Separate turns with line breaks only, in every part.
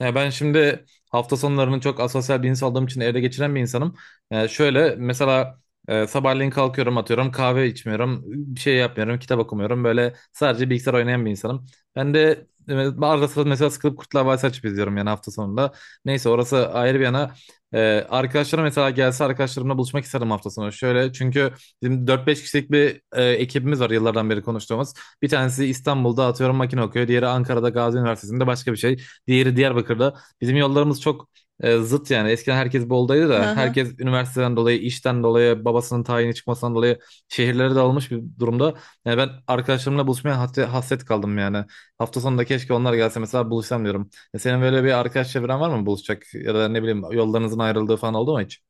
Ya ben şimdi hafta sonlarını çok asosyal bir insan olduğum için evde geçiren bir insanım. Yani şöyle mesela sabahleyin kalkıyorum atıyorum kahve içmiyorum bir şey yapmıyorum kitap okumuyorum böyle sadece bilgisayar oynayan bir insanım. Ben de arada sırada mesela sıkılıp Kurtlar Vadisi açıp izliyorum yani hafta sonunda. Neyse orası ayrı bir yana. E, Arkadaşlarım mesela gelse arkadaşlarımla buluşmak isterim hafta sonu. Şöyle çünkü bizim 4-5 kişilik bir ekibimiz var yıllardan beri konuştuğumuz. Bir tanesi İstanbul'da atıyorum makine okuyor. Diğeri Ankara'da Gazi Üniversitesi'nde başka bir şey. Diğeri Diyarbakır'da. Bizim yollarımız çok zıt yani. Eskiden herkes Bolu'daydı
Hı
da
hı.
herkes üniversiteden dolayı, işten dolayı, babasının tayini çıkmasından dolayı şehirlere dağılmış bir durumda. Yani ben arkadaşlarımla buluşmaya hasret, hasret kaldım yani. Hafta sonunda keşke onlar gelse mesela buluşsam diyorum. Senin böyle bir arkadaş çevren var mı buluşacak ya da ne bileyim yollarınızın ayrıldığı falan oldu mu hiç?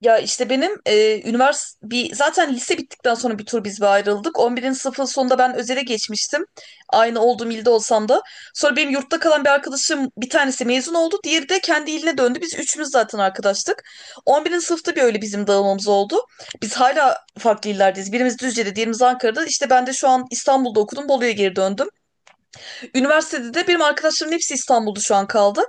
Ya işte benim üniversite bir zaten lise bittikten sonra bir tur biz bir ayrıldık. 11. sınıfın sonunda ben özele geçmiştim. Aynı olduğum ilde olsam da. Sonra benim yurtta kalan bir arkadaşım bir tanesi mezun oldu. Diğeri de kendi iline döndü. Biz üçümüz zaten arkadaştık. 11. sınıfta bir öyle bizim dağılmamız oldu. Biz hala farklı illerdeyiz. Birimiz Düzce'de, diğerimiz Ankara'da. İşte ben de şu an İstanbul'da okudum. Bolu'ya geri döndüm. Üniversitede de benim arkadaşlarımın hepsi İstanbul'da şu an kaldı.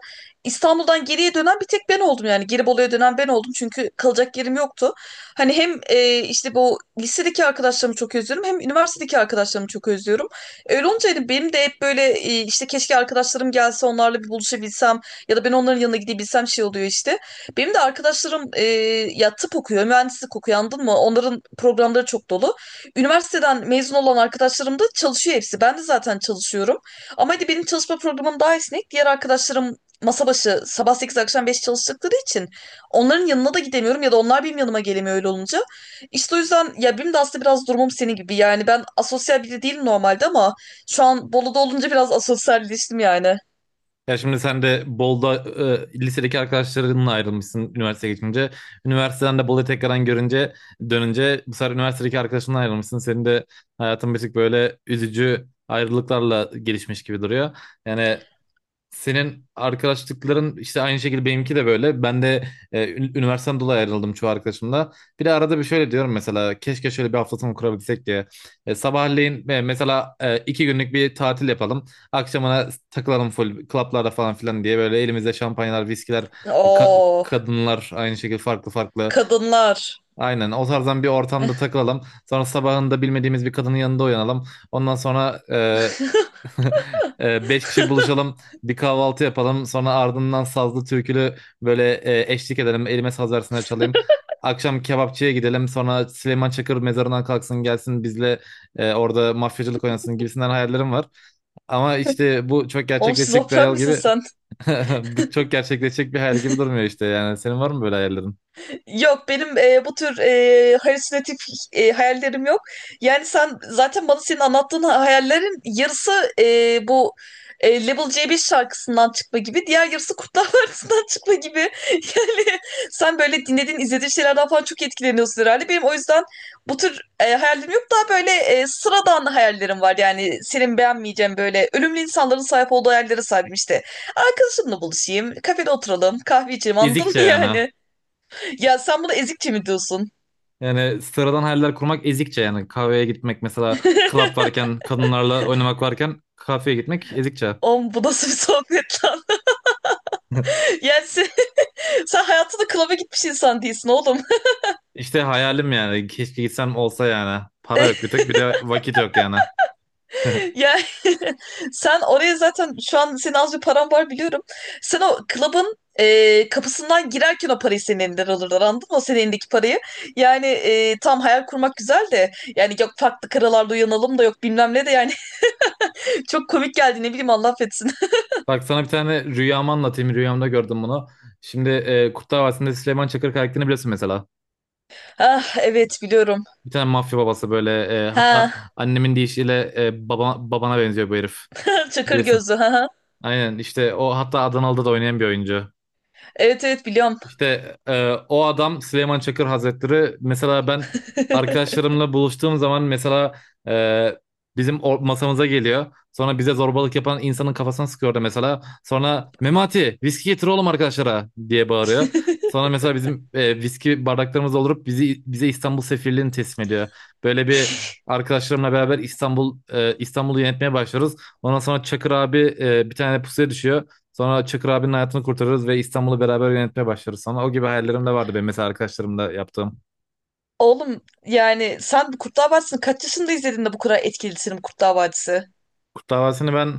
İstanbul'dan geriye dönen bir tek ben oldum yani. Gelibolu'ya dönen ben oldum çünkü kalacak yerim yoktu. Hani hem işte bu lisedeki arkadaşlarımı çok özlüyorum, hem üniversitedeki arkadaşlarımı çok özlüyorum. Öyle olunca hani benim de hep böyle işte keşke arkadaşlarım gelse, onlarla bir buluşabilsem ya da ben onların yanına gidebilsem şey oluyor işte. Benim de arkadaşlarım ya tıp okuyor, mühendislik okuyor, anladın mı? Onların programları çok dolu. Üniversiteden mezun olan arkadaşlarım da çalışıyor hepsi. Ben de zaten çalışıyorum. Ama hadi benim çalışma programım daha esnek. Diğer arkadaşlarım masa başı sabah 8 akşam 5 çalıştıkları için onların yanına da gidemiyorum ya da onlar benim yanıma gelemiyor öyle olunca. İşte o yüzden ya, benim de aslında biraz durumum senin gibi. Yani ben asosyal biri değilim normalde ama şu an Bolu'da olunca biraz asosyalleştim yani.
Ya şimdi sen de Bolu'da lisedeki arkadaşlarınla ayrılmışsın üniversiteye geçince. Üniversiteden de Bolu'yu tekrardan görünce dönünce bu sefer üniversitedeki arkadaşınla ayrılmışsın. Senin de hayatın bir tık böyle üzücü ayrılıklarla gelişmiş gibi duruyor. Yani senin arkadaşlıkların işte aynı şekilde benimki de böyle. Ben de üniversiteden dolayı ayrıldım çoğu arkadaşımla. Bir de arada bir şöyle diyorum mesela keşke şöyle bir hafta sonu kurabilsek diye. Sabahleyin mesela 2 günlük bir tatil yapalım. Akşamına takılalım full klaplarda falan filan diye böyle elimizde şampanyalar, viskiler,
Oo,
kadınlar aynı şekilde farklı farklı.
kadınlar.
Aynen o tarzdan bir ortamda takılalım. Sonra sabahında bilmediğimiz bir kadının yanında uyanalım. Ondan sonra Beş kişi buluşalım, bir kahvaltı yapalım. Sonra ardından sazlı türkülü böyle eşlik edelim. Elime saz versinler çalayım. Akşam kebapçıya gidelim. Sonra Süleyman Çakır mezarından kalksın gelsin bizle orada mafyacılık oynasın gibisinden hayallerim var. Ama işte bu çok
Oğlum,
gerçekleşecek bir
şizofren
hayal
misin
gibi
sen?
bu çok gerçekleşecek bir hayal gibi durmuyor işte yani. Senin var mı böyle hayallerin?
Yok, benim bu tür halüsinatif hayallerim yok. Yani sen zaten bana, senin anlattığın hayallerin yarısı bu Level C5 şarkısından çıkma gibi, diğer yarısı Kurtlar Vadisi'nden çıkma gibi. Yani sen böyle dinlediğin, izlediğin şeylerden falan çok etkileniyorsun herhalde. Benim o yüzden bu tür hayallerim yok. Daha böyle sıradan hayallerim var. Yani senin beğenmeyeceğin böyle ölümlü insanların sahip olduğu hayallere sahibim işte. Arkadaşımla buluşayım, kafede oturalım, kahve içelim, anladın
Ezikçe
mı
yani. Ha.
yani? Ya sen buna ezikçe mi diyorsun?
Yani sıradan hayaller kurmak ezikçe yani. Kahveye gitmek mesela club varken kadınlarla oynamak varken kafeye gitmek ezikçe.
Oğlum, bu nasıl bir sohbet lan? Yani sen hayatında klaba gitmiş insan değilsin oğlum.
İşte hayalim yani. Keşke gitsem olsa yani. Para yok bir tek bir de vakit yok yani.
Yani sen oraya, zaten şu an senin az bir paran var biliyorum. Sen o klabın kapısından girerken o parayı senin elinden alırlar, anladın mı? O senin elindeki parayı. Yani tam hayal kurmak güzel de, yani yok farklı karalarda uyanalım, da yok bilmem ne de yani çok komik geldi, ne bileyim, Allah affetsin.
Bak sana bir tane rüyamı anlatayım. Rüyamda gördüm bunu. Şimdi Kurtlar Vadisi'nde Süleyman Çakır karakterini biliyorsun mesela.
Ah evet, biliyorum.
Bir tane mafya babası böyle hatta
Ha.
annemin deyişiyle babana benziyor bu herif.
Çakır
Bilirsin.
gözlü, ha. Ha.
Aynen işte o hatta Adanalı'da da oynayan bir oyuncu.
Evet evet, biliyorum.
İşte o adam Süleyman Çakır Hazretleri mesela ben arkadaşlarımla buluştuğum zaman mesela e, bizim masamıza geliyor. Sonra bize zorbalık yapan insanın kafasına sıkıyordu mesela. Sonra Memati viski getir oğlum arkadaşlara diye bağırıyor. Sonra mesela bizim viski bardaklarımız doldurup bizi bize İstanbul sefirliğini teslim ediyor. Böyle bir Arkadaşlarımla beraber İstanbul'u yönetmeye başlıyoruz. Ondan sonra Çakır abi bir tane pusuya düşüyor. Sonra Çakır abinin hayatını kurtarırız ve İstanbul'u beraber yönetmeye başlarız sonra. O gibi hayallerim de vardı benim mesela arkadaşlarımla yaptığım.
Oğlum, yani sen Kurtlar Vadisi'ni kaç yaşında izledin de bu kadar etkilisin Kurtlar Vadisi?
Kurtlar Vadisi'ni ben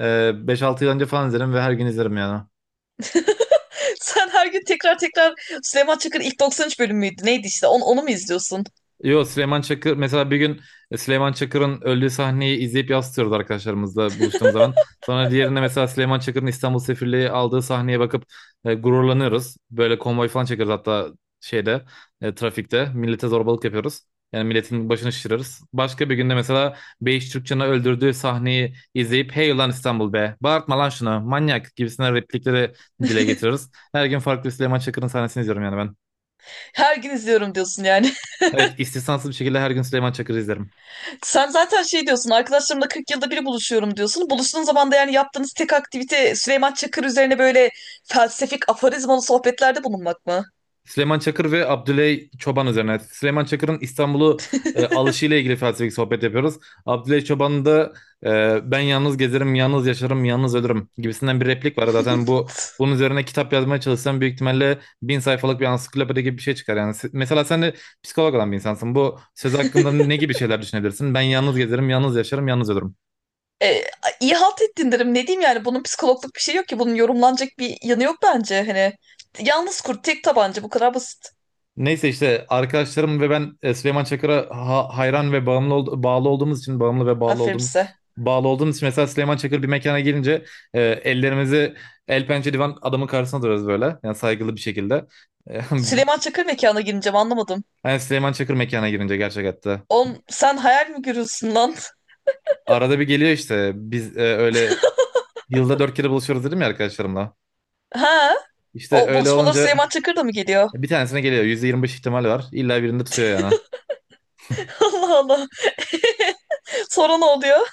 e, 5-6 yıl önce falan izlerim ve her gün izlerim yani.
Sen her gün tekrar tekrar Süleyman Çakır'ın ilk 93 bölüm müydü? Neydi işte? Onu mu izliyorsun?
Yo, Süleyman Çakır mesela bir gün Süleyman Çakır'ın öldüğü sahneyi izleyip yansıtıyoruz arkadaşlarımızla buluştuğumuz zaman. Sonra diğerinde mesela Süleyman Çakır'ın İstanbul Sefirliği aldığı sahneye bakıp gururlanıyoruz. Böyle konvoy falan çekiyoruz hatta şeyde trafikte millete zorbalık yapıyoruz. Yani milletin başını şişiririz. Başka bir günde mesela Beyiş Türkçen'i öldürdüğü sahneyi izleyip hey ulan İstanbul be bağırtma lan şunu manyak gibisinden replikleri dile getiririz. Her gün farklı Süleyman Çakır'ın sahnesini izliyorum yani ben.
Her gün izliyorum diyorsun yani.
Evet istisnasız bir şekilde her gün Süleyman Çakır'ı izlerim.
Sen zaten şey diyorsun, arkadaşlarımla 40 yılda bir buluşuyorum diyorsun. Buluştuğun zaman da yani yaptığınız tek aktivite Süleyman Çakır üzerine böyle felsefik aforizmalı sohbetlerde bulunmak mı?
Süleyman Çakır ve Abdüley Çoban üzerine. Süleyman Çakır'ın İstanbul'u alışıyla ilgili felsefik sohbet yapıyoruz. Abdüley Çoban'ın da ben yalnız gezerim, yalnız yaşarım, yalnız ölürüm gibisinden bir replik var. Zaten bunun üzerine kitap yazmaya çalışsan büyük ihtimalle 1.000 sayfalık bir ansiklopedi gibi bir şey çıkar. Yani se- mesela sen de psikolog olan bir insansın. Bu söz hakkında ne gibi şeyler düşünebilirsin? Ben yalnız gezerim, yalnız yaşarım, yalnız ölürüm.
E, iyi halt ettin derim. Ne diyeyim yani, bunun psikologluk bir şey yok ki. Bunun yorumlanacak bir yanı yok bence. Hani yalnız kurt, tek tabanca, bu kadar basit.
Neyse işte arkadaşlarım ve ben Süleyman Çakır'a hayran ve bağımlı ve bağlı
Aferin
olduğum
size.
bağlı olduğumuz için mesela Süleyman Çakır bir mekana gelince ellerimizi el pençe divan adamın karşısına duruyoruz böyle. Yani saygılı bir şekilde. E, bu-
Süleyman Çakır mekana gireceğim, anlamadım.
yani Süleyman Çakır mekana girince gerçek hatta.
On, sen hayal mi görüyorsun lan?
Arada bir geliyor işte biz öyle yılda dört kere buluşuyoruz dedim ya arkadaşlarımla.
Ha?
İşte
O
öyle
buluşmalar
olunca
Süleyman Çakır da mı geliyor?
bir tanesine geliyor. %25 ihtimal var. İlla birinde tutuyor yani.
Allah Allah. Sonra ne oluyor?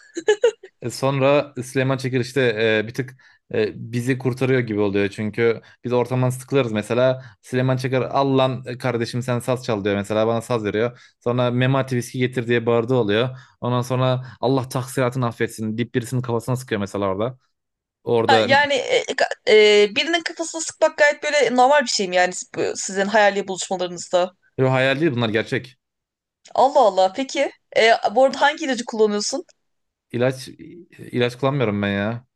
Sonra Süleyman Çakır işte bir tık bizi kurtarıyor gibi oluyor. Çünkü biz ortamdan sıkılırız mesela. Süleyman Çakır al lan kardeşim sen saz çal diyor mesela bana saz veriyor. Sonra Memati viski getir diye bağırdığı oluyor. Ondan sonra Allah taksiratını affetsin deyip birisinin kafasına sıkıyor mesela orada.
Ha,
Orada
yani birinin kafasına sıkmak gayet böyle normal bir şey mi yani, sizin hayali buluşmalarınızda?
yo, hayal değil bunlar gerçek.
Allah Allah. Peki. Bu arada hangi ilacı kullanıyorsun?
İlaç ilaç kullanmıyorum ben ya.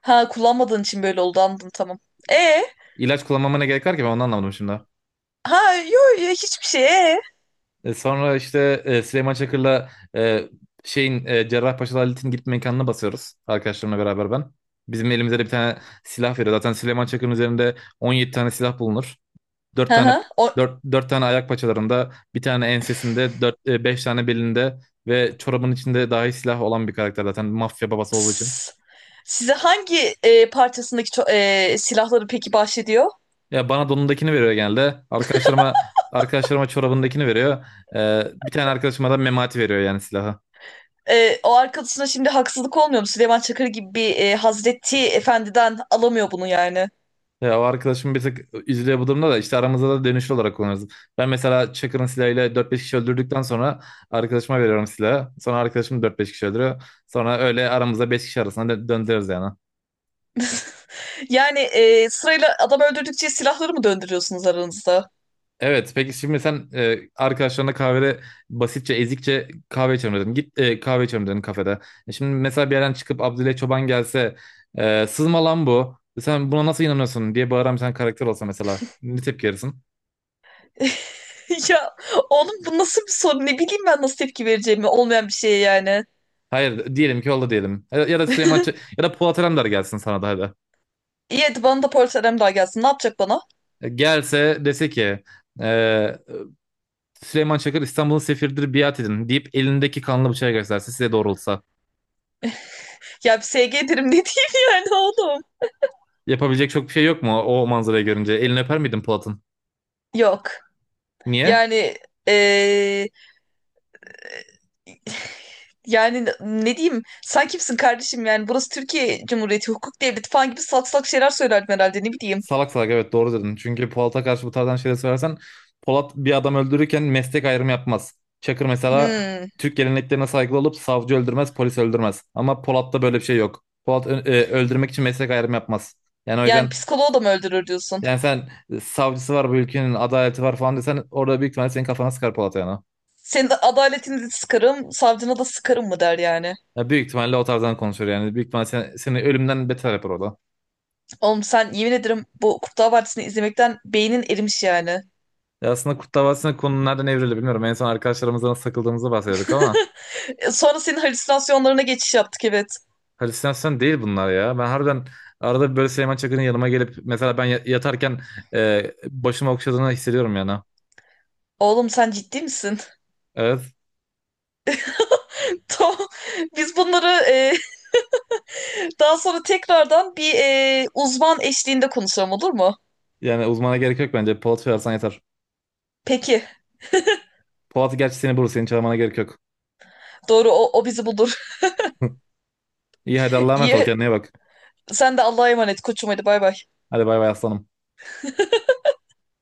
Ha, kullanmadığın için böyle oldu, anladım, tamam. E
İlaç kullanmama ne gerek var ki ben onu anlamadım şimdi.
ha yo yo, hiçbir şey e.
Sonra işte Süleyman Çakır'la e, şeyin Cerrahpaşa Lalit'in gitme mekanına basıyoruz. Arkadaşlarımla beraber ben. Bizim elimizde de bir tane silah veriyor. Zaten Süleyman Çakır'ın üzerinde 17 tane silah bulunur. 4
Hı
tane
hı.
dört tane ayak paçalarında, bir tane ensesinde, 4 5 tane belinde ve çorabın içinde dahi silah olan bir karakter zaten mafya babası olduğu için.
S- size hangi parçasındaki silahları peki bahşediyor?
Ya bana donundakini veriyor genelde. Arkadaşlarıma çorabındakini veriyor. Bir tane arkadaşıma da memati veriyor yani silahı.
O arkadaşına şimdi haksızlık olmuyor mu? Süleyman Çakır gibi bir Hazreti Efendi'den alamıyor bunu yani.
Ya o arkadaşım bir tık üzülüyor bu durumda da işte aramızda da dönüşlü olarak kullanırız. Ben mesela Çakır'ın silahıyla 4-5 kişi öldürdükten sonra arkadaşıma veriyorum silahı. Sonra arkadaşım 4-5 kişi öldürüyor. Sonra öyle aramızda 5 kişi arasında döndürüyoruz yani.
Yani sırayla adam öldürdükçe silahları mı döndürüyorsunuz aranızda?
Evet, peki şimdi sen arkadaşlarına kahvede basitçe ezikçe kahve içelim dedin. Git kahve içelim dedin kafede. Şimdi mesela bir yerden çıkıp Abdülay Çoban gelse sızma lan bu. Sen buna nasıl inanıyorsun diye bağıran bir tane karakter olsa mesela ne tepki verirsin?
Ya oğlum, bu nasıl bir soru? Ne bileyim ben, nasıl tepki vereceğimi olmayan bir şeye yani.
Hayır diyelim ki oldu diyelim. Ya ya da ya da Polat Alemdar gelsin sana da hadi.
İyi hadi, bana da polis daha gelsin. Ne yapacak bana?
Gelse dese ki e, Süleyman Çakır İstanbul'un sefiridir biat edin deyip elindeki kanlı bıçağı gösterse size doğrultsa.
Ya, bir SG derim, ne diyeyim. Yani oğlum.
Yapabilecek çok bir şey yok mu o manzarayı görünce? Elini öper miydin Polat'ın?
Yok.
Niye?
Yani eee, yani ne diyeyim? Sen kimsin kardeşim yani? Burası Türkiye Cumhuriyeti, hukuk devleti falan gibi salak salak şeyler söylerdim herhalde, ne bileyim.
Salak salak evet doğru dedin. Çünkü Polat'a karşı bu tarzdan şeyler söylersen Polat bir adam öldürürken meslek ayrımı yapmaz. Çakır mesela
Hmm.
Türk geleneklerine saygılı olup savcı öldürmez, polis öldürmez. Ama Polat'ta böyle bir şey yok. Polat öldürmek için meslek ayrımı yapmaz. Yani o
Yani
yüzden
psikoloğu da mı öldürür diyorsun?
yani sen savcısı var bu ülkenin adaleti var falan desen orada büyük ihtimalle senin kafana sıkar Polat yani.
Senin adaletini de sıkarım, savcına da sıkarım mı der yani.
Ya büyük ihtimalle o tarzdan konuşuyor yani. Büyük ihtimalle seni ölümden beter yapar orada.
Oğlum, sen yemin ederim bu Kurtlar Vadisi'ni izlemekten beynin erimiş yani.
Ya aslında Kurt Davası'nın konu nereden evrildi bilmiyorum. En son arkadaşlarımızdan nasıl takıldığımızı bahsediyorduk ama
Sonra senin halüsinasyonlarına geçiş yaptık, evet.
halüsinasyon değil bunlar ya. Ben harbiden arada böyle Süleyman Çakır'ın yanıma gelip mesela ben yatarken başımı okşadığını hissediyorum yani.
Oğlum, sen ciddi misin?
Evet.
Tamam. Biz bunları daha sonra tekrardan bir uzman eşliğinde konuşalım, olur mu?
Yani uzmana gerek yok bence. Polat Şoyarsan yeter.
Peki.
Polat gerçi seni bulur. Seni çağırmana gerek yok.
Doğru, o bizi bulur.
İyi hadi Allah'a emanet ol.
İyi.
Kendine iyi bak.
Sen de Allah'a emanet koçum, hadi bay bay.
Hadi bay bay aslanım.